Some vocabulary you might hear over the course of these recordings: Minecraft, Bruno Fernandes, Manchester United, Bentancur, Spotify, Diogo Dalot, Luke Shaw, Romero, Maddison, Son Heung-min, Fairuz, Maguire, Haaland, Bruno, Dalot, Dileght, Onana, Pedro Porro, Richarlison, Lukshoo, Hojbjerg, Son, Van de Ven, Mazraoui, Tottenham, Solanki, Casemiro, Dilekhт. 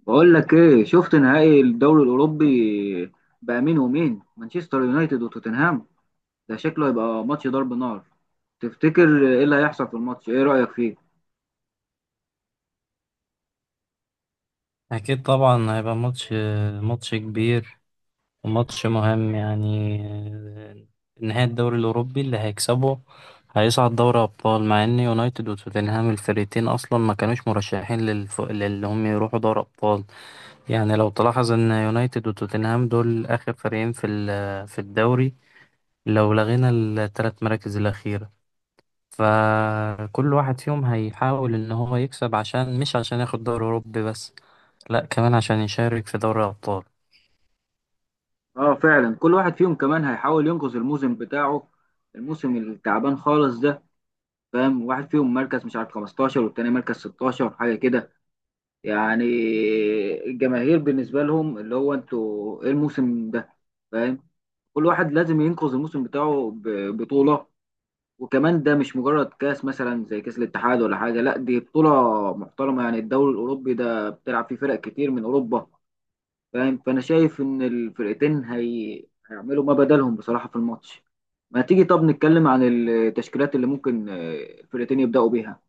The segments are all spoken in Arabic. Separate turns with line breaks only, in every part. بقول لك ايه، شفت نهائي الدوري الاوروبي بقى مين ومين؟ مانشستر يونايتد وتوتنهام. ده شكله هيبقى ماتش ضرب نار. تفتكر ايه اللي هيحصل في الماتش؟ ايه رأيك فيه؟
أكيد طبعا هيبقى ماتش كبير، وماتش مهم يعني. نهاية الدوري الأوروبي اللي هيكسبه هيصعد دوري أبطال، مع إن يونايتد وتوتنهام الفريقين أصلا ما كانوش مرشحين للي هم يروحوا دوري أبطال. يعني لو تلاحظ إن يونايتد وتوتنهام دول آخر فريقين في الدوري، لو لغينا الثلاث مراكز الأخيرة. فكل واحد فيهم هيحاول إن هو يكسب، عشان مش عشان ياخد دوري أوروبي بس، لأ كمان عشان يشارك في دوري أبطال.
اه فعلا، كل واحد فيهم كمان هيحاول ينقذ الموسم بتاعه، الموسم التعبان خالص ده. فاهم؟ واحد فيهم مركز مش عارف 15 والتاني مركز 16 حاجة كده، يعني الجماهير بالنسبة لهم اللي هو انتوا ايه الموسم ده؟ فاهم؟ كل واحد لازم ينقذ الموسم بتاعه ببطولة. وكمان ده مش مجرد كاس مثلا زي كاس الاتحاد ولا حاجه، لا دي بطوله محترمه، يعني الدوري الاوروبي ده بتلعب فيه فرق كتير من اوروبا. فاهم؟ فانا شايف ان هيعملوا ما بدلهم بصراحه في الماتش. ما تيجي طب نتكلم عن التشكيلات اللي ممكن الفرقتين يبداوا بيها.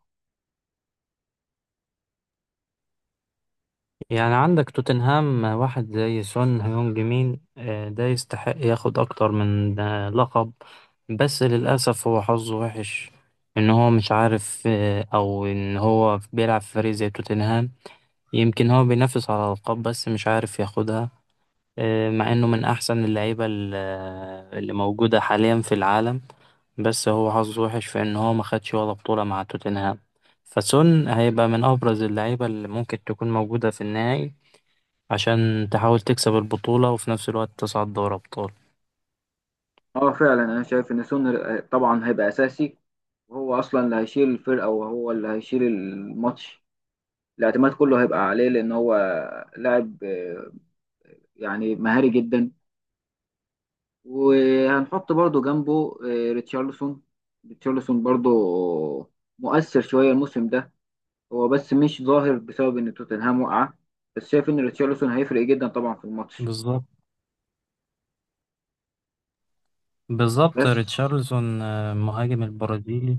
يعني عندك توتنهام واحد زي سون هيونج مين، ده يستحق ياخد أكتر من لقب. بس للأسف هو حظه وحش إن هو مش عارف، أو إن هو بيلعب في فريق زي توتنهام. يمكن هو بينافس على الألقاب بس مش عارف ياخدها. مع إنه من أحسن اللعيبة اللي موجودة حاليا في العالم. بس هو حظه وحش في إن هو ما خدش ولا بطولة مع توتنهام. فسون هيبقى من أبرز اللعيبة اللي ممكن تكون موجودة في النهائي، عشان تحاول تكسب البطولة وفي نفس الوقت تصعد دوري أبطال.
اه فعلا، انا شايف ان سون طبعا هيبقى اساسي، وهو اصلا اللي هيشيل الفرقه وهو اللي هيشيل الماتش. الاعتماد كله هيبقى عليه، لان هو لاعب يعني مهاري جدا. وهنحط برضو جنبه ريتشارلسون. ريتشارلسون برضو مؤثر شوية الموسم ده، هو بس مش ظاهر بسبب ان توتنهام وقع. بس شايف ان ريتشارلسون هيفرق جدا طبعا في الماتش.
بالظبط. بالظبط.
بس.
ريتشارلسون مهاجم البرازيلي،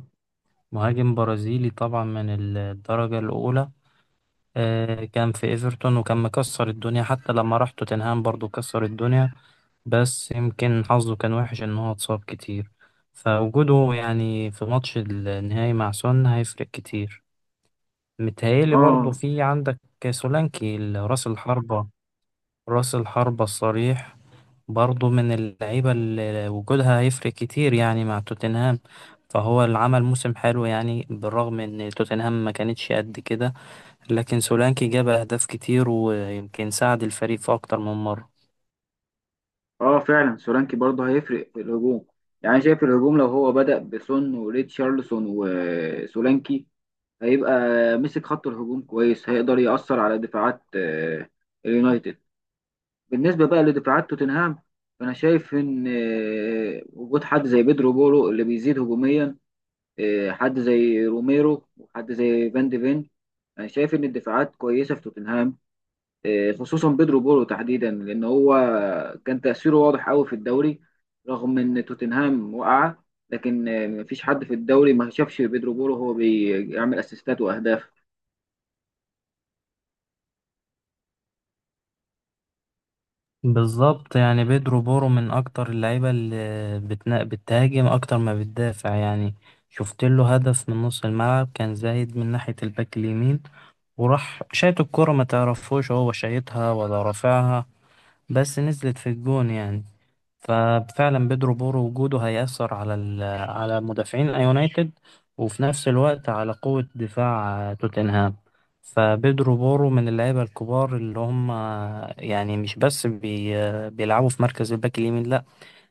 مهاجم برازيلي طبعا من الدرجة الأولى. كان في إيفرتون وكان مكسر الدنيا، حتى لما راح توتنهام برضو كسر الدنيا. بس يمكن حظه كان وحش إن هو اتصاب كتير. فوجوده يعني في ماتش النهائي مع سون هيفرق كتير. متهيألي برضو
اه،
في عندك سولانكي، راس الحربة، راس الحربة الصريح، برضه من اللعيبة اللي وجودها هيفرق كتير يعني مع توتنهام. فهو اللي عمل موسم حلو يعني، بالرغم ان توتنهام ما كانتش قد كده، لكن سولانكي جاب اهداف كتير ويمكن ساعد الفريق في اكتر من مرة.
اه فعلا، سولانكي برضو هيفرق في الهجوم. يعني شايف الهجوم لو هو بدأ بسون وريتشارلسون وسولانكي، هيبقى مسك خط الهجوم كويس، هيقدر يأثر على دفاعات اليونايتد. بالنسبة بقى لدفاعات توتنهام، فأنا شايف إن وجود حد زي بيدرو بورو اللي بيزيد هجوميا، حد زي روميرو وحد زي فان دي فين، أنا شايف إن الدفاعات كويسة في توتنهام. خصوصا بيدرو بورو تحديدا، لأن هو كان تأثيره واضح قوي في الدوري رغم إن توتنهام وقع. لكن مفيش حد في الدوري ما شافش بيدرو بورو هو بيعمل أسيستات وأهداف.
بالظبط. يعني بيدرو بورو من اكتر اللعيبة اللي بتهاجم اكتر ما بتدافع يعني. شفت له هدف من نص الملعب، كان زايد من ناحية الباك اليمين، وراح شايط الكرة، ما تعرفوش هو شايطها ولا رافعها، بس نزلت في الجون يعني. ففعلا بيدرو بورو وجوده هيأثر على على مدافعين يونايتد، وفي نفس الوقت على قوة دفاع توتنهام. فبيدرو بورو من اللعيبة الكبار، اللي هم يعني مش بس بيلعبوا في مركز الباك اليمين، لا،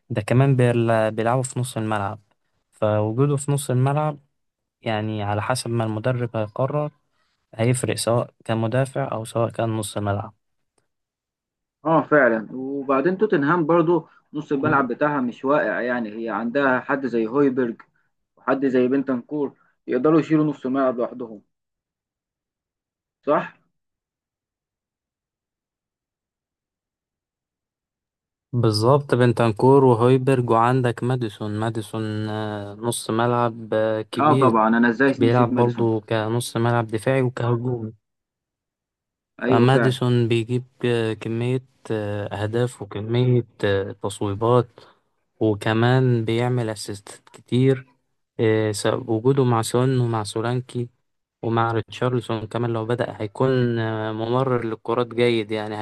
ده كمان بيلعبوا في نص الملعب. فوجوده في نص الملعب، يعني على حسب ما المدرب هيقرر، هيفرق، سواء كان مدافع أو سواء كان نص ملعب.
اه فعلا، وبعدين توتنهام برضو نص الملعب بتاعها مش واقع، يعني هي عندها حد زي هويبرج وحد زي بنتنكور يقدروا يشيلوا نص الملعب لوحدهم. صح؟
بالظبط. بنتنكور وهويبرج، وعندك ماديسون، نص ملعب
اه
كبير.
طبعا، انا ازاي نسيت
بيلعب
ماديسون.
برضه كنص ملعب دفاعي وكهجومي.
ايوه فعلا.
فماديسون بيجيب كمية أهداف، وكمية تصويبات، وكمان بيعمل أسيستات كتير. وجوده مع سون ومع سولانكي ومع ريتشارلسون كمان، لو بدأ هيكون ممرر للكرات جيد يعني.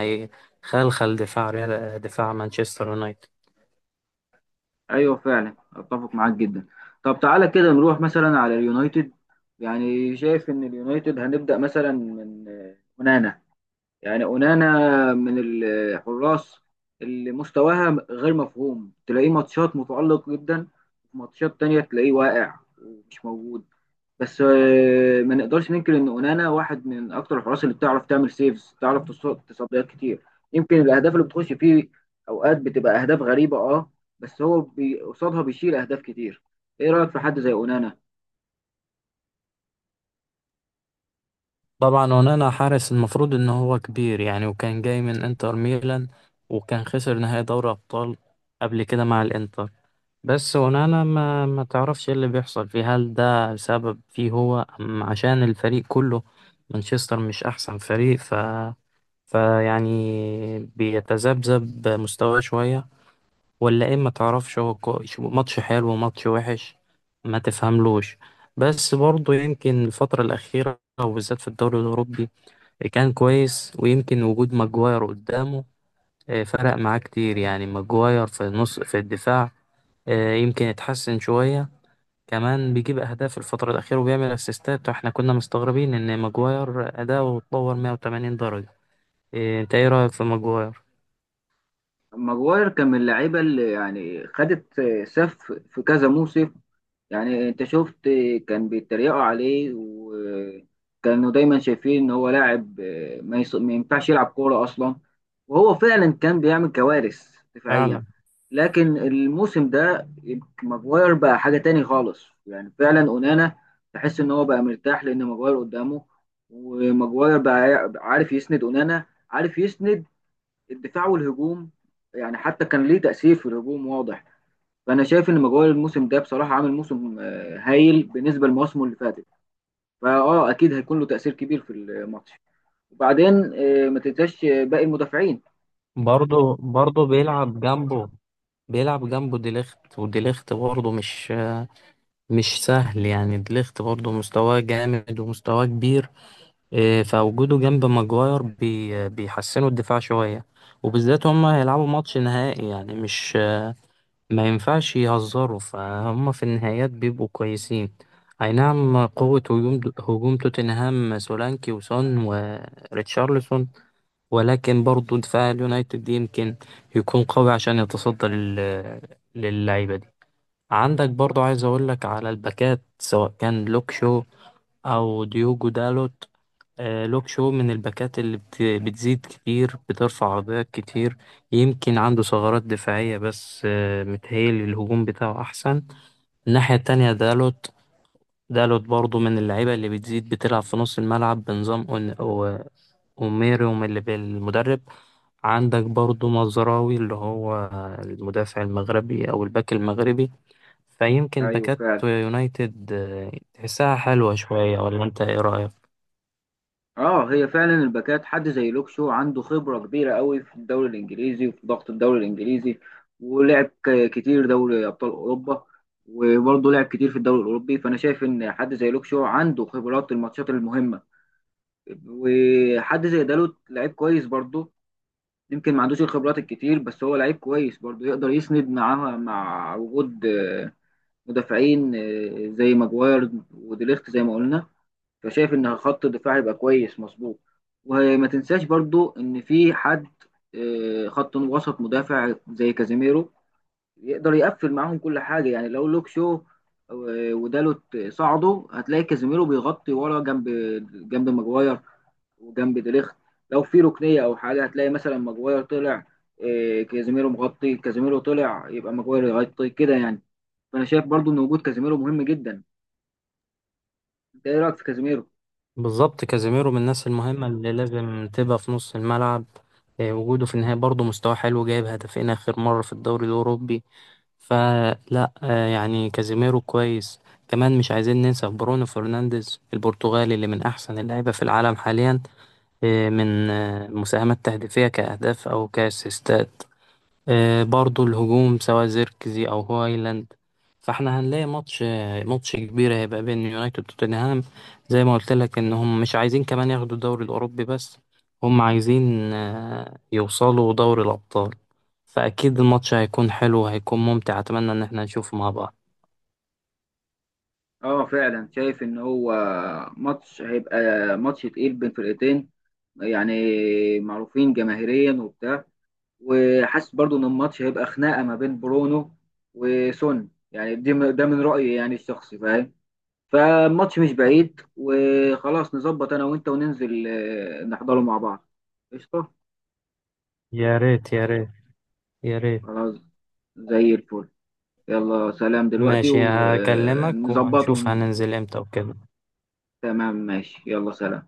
هيخلخل دفاع دفاع مانشستر يونايتد.
ايوه فعلا، اتفق معاك جدا. طب تعالى كده نروح مثلا على اليونايتد. يعني شايف ان اليونايتد هنبدأ مثلا من ونانا، يعني اونانا، من الحراس اللي مستواها غير مفهوم، تلاقيه ماتشات متألق جدا، ماتشات تانية تلاقيه واقع ومش موجود. بس ما نقدرش ننكر ان اونانا واحد من اكتر الحراس اللي بتعرف تعمل سيفز، بتعرف تصديات كتير. يمكن الاهداف اللي بتخش فيه اوقات بتبقى اهداف غريبة اه، بس هو قصادها بيشيل اهداف كتير. ايه رأيك في حد زي اونانا؟
طبعا ونانا حارس، المفروض ان هو كبير يعني، وكان جاي من انتر ميلان، وكان خسر نهائي دوري ابطال قبل كده مع الانتر. بس ونانا ما تعرفش إيه اللي بيحصل فيه، هل ده سبب فيه هو أم عشان الفريق كله؟ مانشستر مش احسن فريق، فيعني بيتذبذب مستواه شوية، ولا ايه ما تعرفش. هو ماتش حلو وماتش وحش، ما تفهملوش. بس برضه يمكن الفترة الأخيرة، وبالذات في الدوري الأوروبي، كان كويس. ويمكن وجود ماجواير قدامه فرق معاه كتير يعني. ماجواير في النص في الدفاع، يمكن اتحسن شوية. كمان بيجيب أهداف الفترة الأخيرة وبيعمل أسيستات. واحنا كنا مستغربين إن ماجواير أداؤه اتطور 180 درجة. انت ايه رأيك في ماجواير؟
ماجواير كان من اللعيبة اللي يعني خدت سف في كذا موسم. يعني انت شفت، كان بيتريقوا عليه وكانوا دايما شايفين ان هو لاعب ما, يص... ما ينفعش يلعب كورة اصلا، وهو فعلا كان بيعمل كوارث دفاعيا.
فعلا.
لكن الموسم ده ماجواير بقى حاجة تاني خالص. يعني فعلا اونانا تحس ان هو بقى مرتاح لان ماجواير قدامه. وماجواير بقى عارف يسند اونانا، عارف يسند الدفاع والهجوم، يعني حتى كان ليه تأثير في الهجوم واضح. فانا شايف ان مجوال الموسم ده بصراحه عامل موسم هايل بالنسبه لمواسمه اللي فاتت. فاه اكيد هيكون له تاثير كبير في الماتش. وبعدين ما تنساش باقي المدافعين.
برضه بيلعب جنبه ديليخت، وديليخت برضه مش سهل يعني. ديليخت برضه مستواه جامد ومستواه كبير. فوجوده جنب ماجواير بيحسنوا الدفاع شوية. وبالذات هما هيلعبوا ماتش نهائي، يعني مش، ما ينفعش يهزروا. فهم في النهايات بيبقوا كويسين. أي نعم، قوة هجوم توتنهام سولانكي وسون وريتشارلسون، ولكن برضه دفاع اليونايتد يمكن يكون قوي عشان يتصدى للعيبة. عندك برضو، عايز اقول لك على الباكات، سواء كان لوك شو او ديوجو دالوت. لوك شو من الباكات اللي بتزيد كتير، بترفع عرضيات كتير، يمكن عنده ثغرات دفاعية بس متهيألي الهجوم بتاعه أحسن. الناحية التانية دالوت. دالوت برضو من اللعيبة اللي بتزيد، بتلعب في نص الملعب، بنظام أوميروم اللي بالمدرب. عندك برضو مزراوي، اللي هو المدافع المغربي أو الباك المغربي. فيمكن
ايوه
باكات
فعلا.
يونايتد تحسها حلوة شوية، ولا أنت إيه رأيك؟
اه هي فعلا الباكات، حد زي لوكشو عنده خبره كبيره قوي في الدوري الانجليزي وفي ضغط الدوري الانجليزي. ولعب كتير دوري ابطال اوروبا، وبرضه لعب كتير في الدوري الاوروبي. فانا شايف ان حد زي لوكشو عنده خبرات الماتشات المهمه. وحد زي دالوت لعيب كويس برضه، يمكن ما عندوش الخبرات الكتير، بس هو لعيب كويس برضه يقدر يسند معاها، مع وجود مدافعين زي ماجواير وديليخت زي ما قلنا. فشايف ان خط الدفاع هيبقى كويس مظبوط. وما تنساش برضه ان في حد خط وسط مدافع زي كازيميرو، يقدر يقفل معاهم كل حاجة. يعني لو لوك شو ودالوت صعدوا، هتلاقي كازيميرو بيغطي ورا جنب جنب ماجواير وجنب ديليخت. لو في ركنيه او حاجه هتلاقي مثلا ماجواير طلع، إيه، كازيميرو مغطي، كازيميرو طلع يبقى ماجواير يغطي كده يعني. فانا شايف برضو ان وجود كازيميرو مهم جدا. انت ايه رايك في كازيميرو؟
بالظبط. كازيميرو من الناس المهمة اللي لازم تبقى في نص الملعب. وجوده في النهاية برضه مستواه حلو، جايب هدفين آخر مرة في الدوري الأوروبي. فلا، يعني كازيميرو كويس. كمان مش عايزين ننسى برونو فرنانديز البرتغالي، اللي من أحسن اللعيبة في العالم حاليا، من مساهمات تهديفية كأهداف أو كأسيستات. برضو الهجوم سواء زيركزي او هويلاند. فاحنا هنلاقي ماتش، ماتش كبير هيبقى بين يونايتد وتوتنهام. زي ما قلت لك ان هم مش عايزين كمان ياخدوا الدوري الاوروبي بس، هم عايزين يوصلوا دوري الابطال. فاكيد الماتش هيكون حلو وهيكون ممتع، اتمنى ان احنا نشوفه مع بعض.
اه فعلا، شايف ان هو ماتش هيبقى ماتش تقيل بين فرقتين، يعني معروفين جماهيريا وبتاع. وحاسس برضو ان الماتش هيبقى خناقه ما بين برونو وسون. يعني ده من رايي يعني الشخصي، فاهم؟ فالماتش مش بعيد، وخلاص نظبط انا وانت وننزل نحضره مع بعض. قشطة.
يا ريت يا ريت يا ريت.
خلاص، زي الفل. يلا سلام دلوقتي
ماشي، هكلمك
ونظبطه.
ونشوف هننزل امتى وكده.
تمام ماشي، يلا سلام.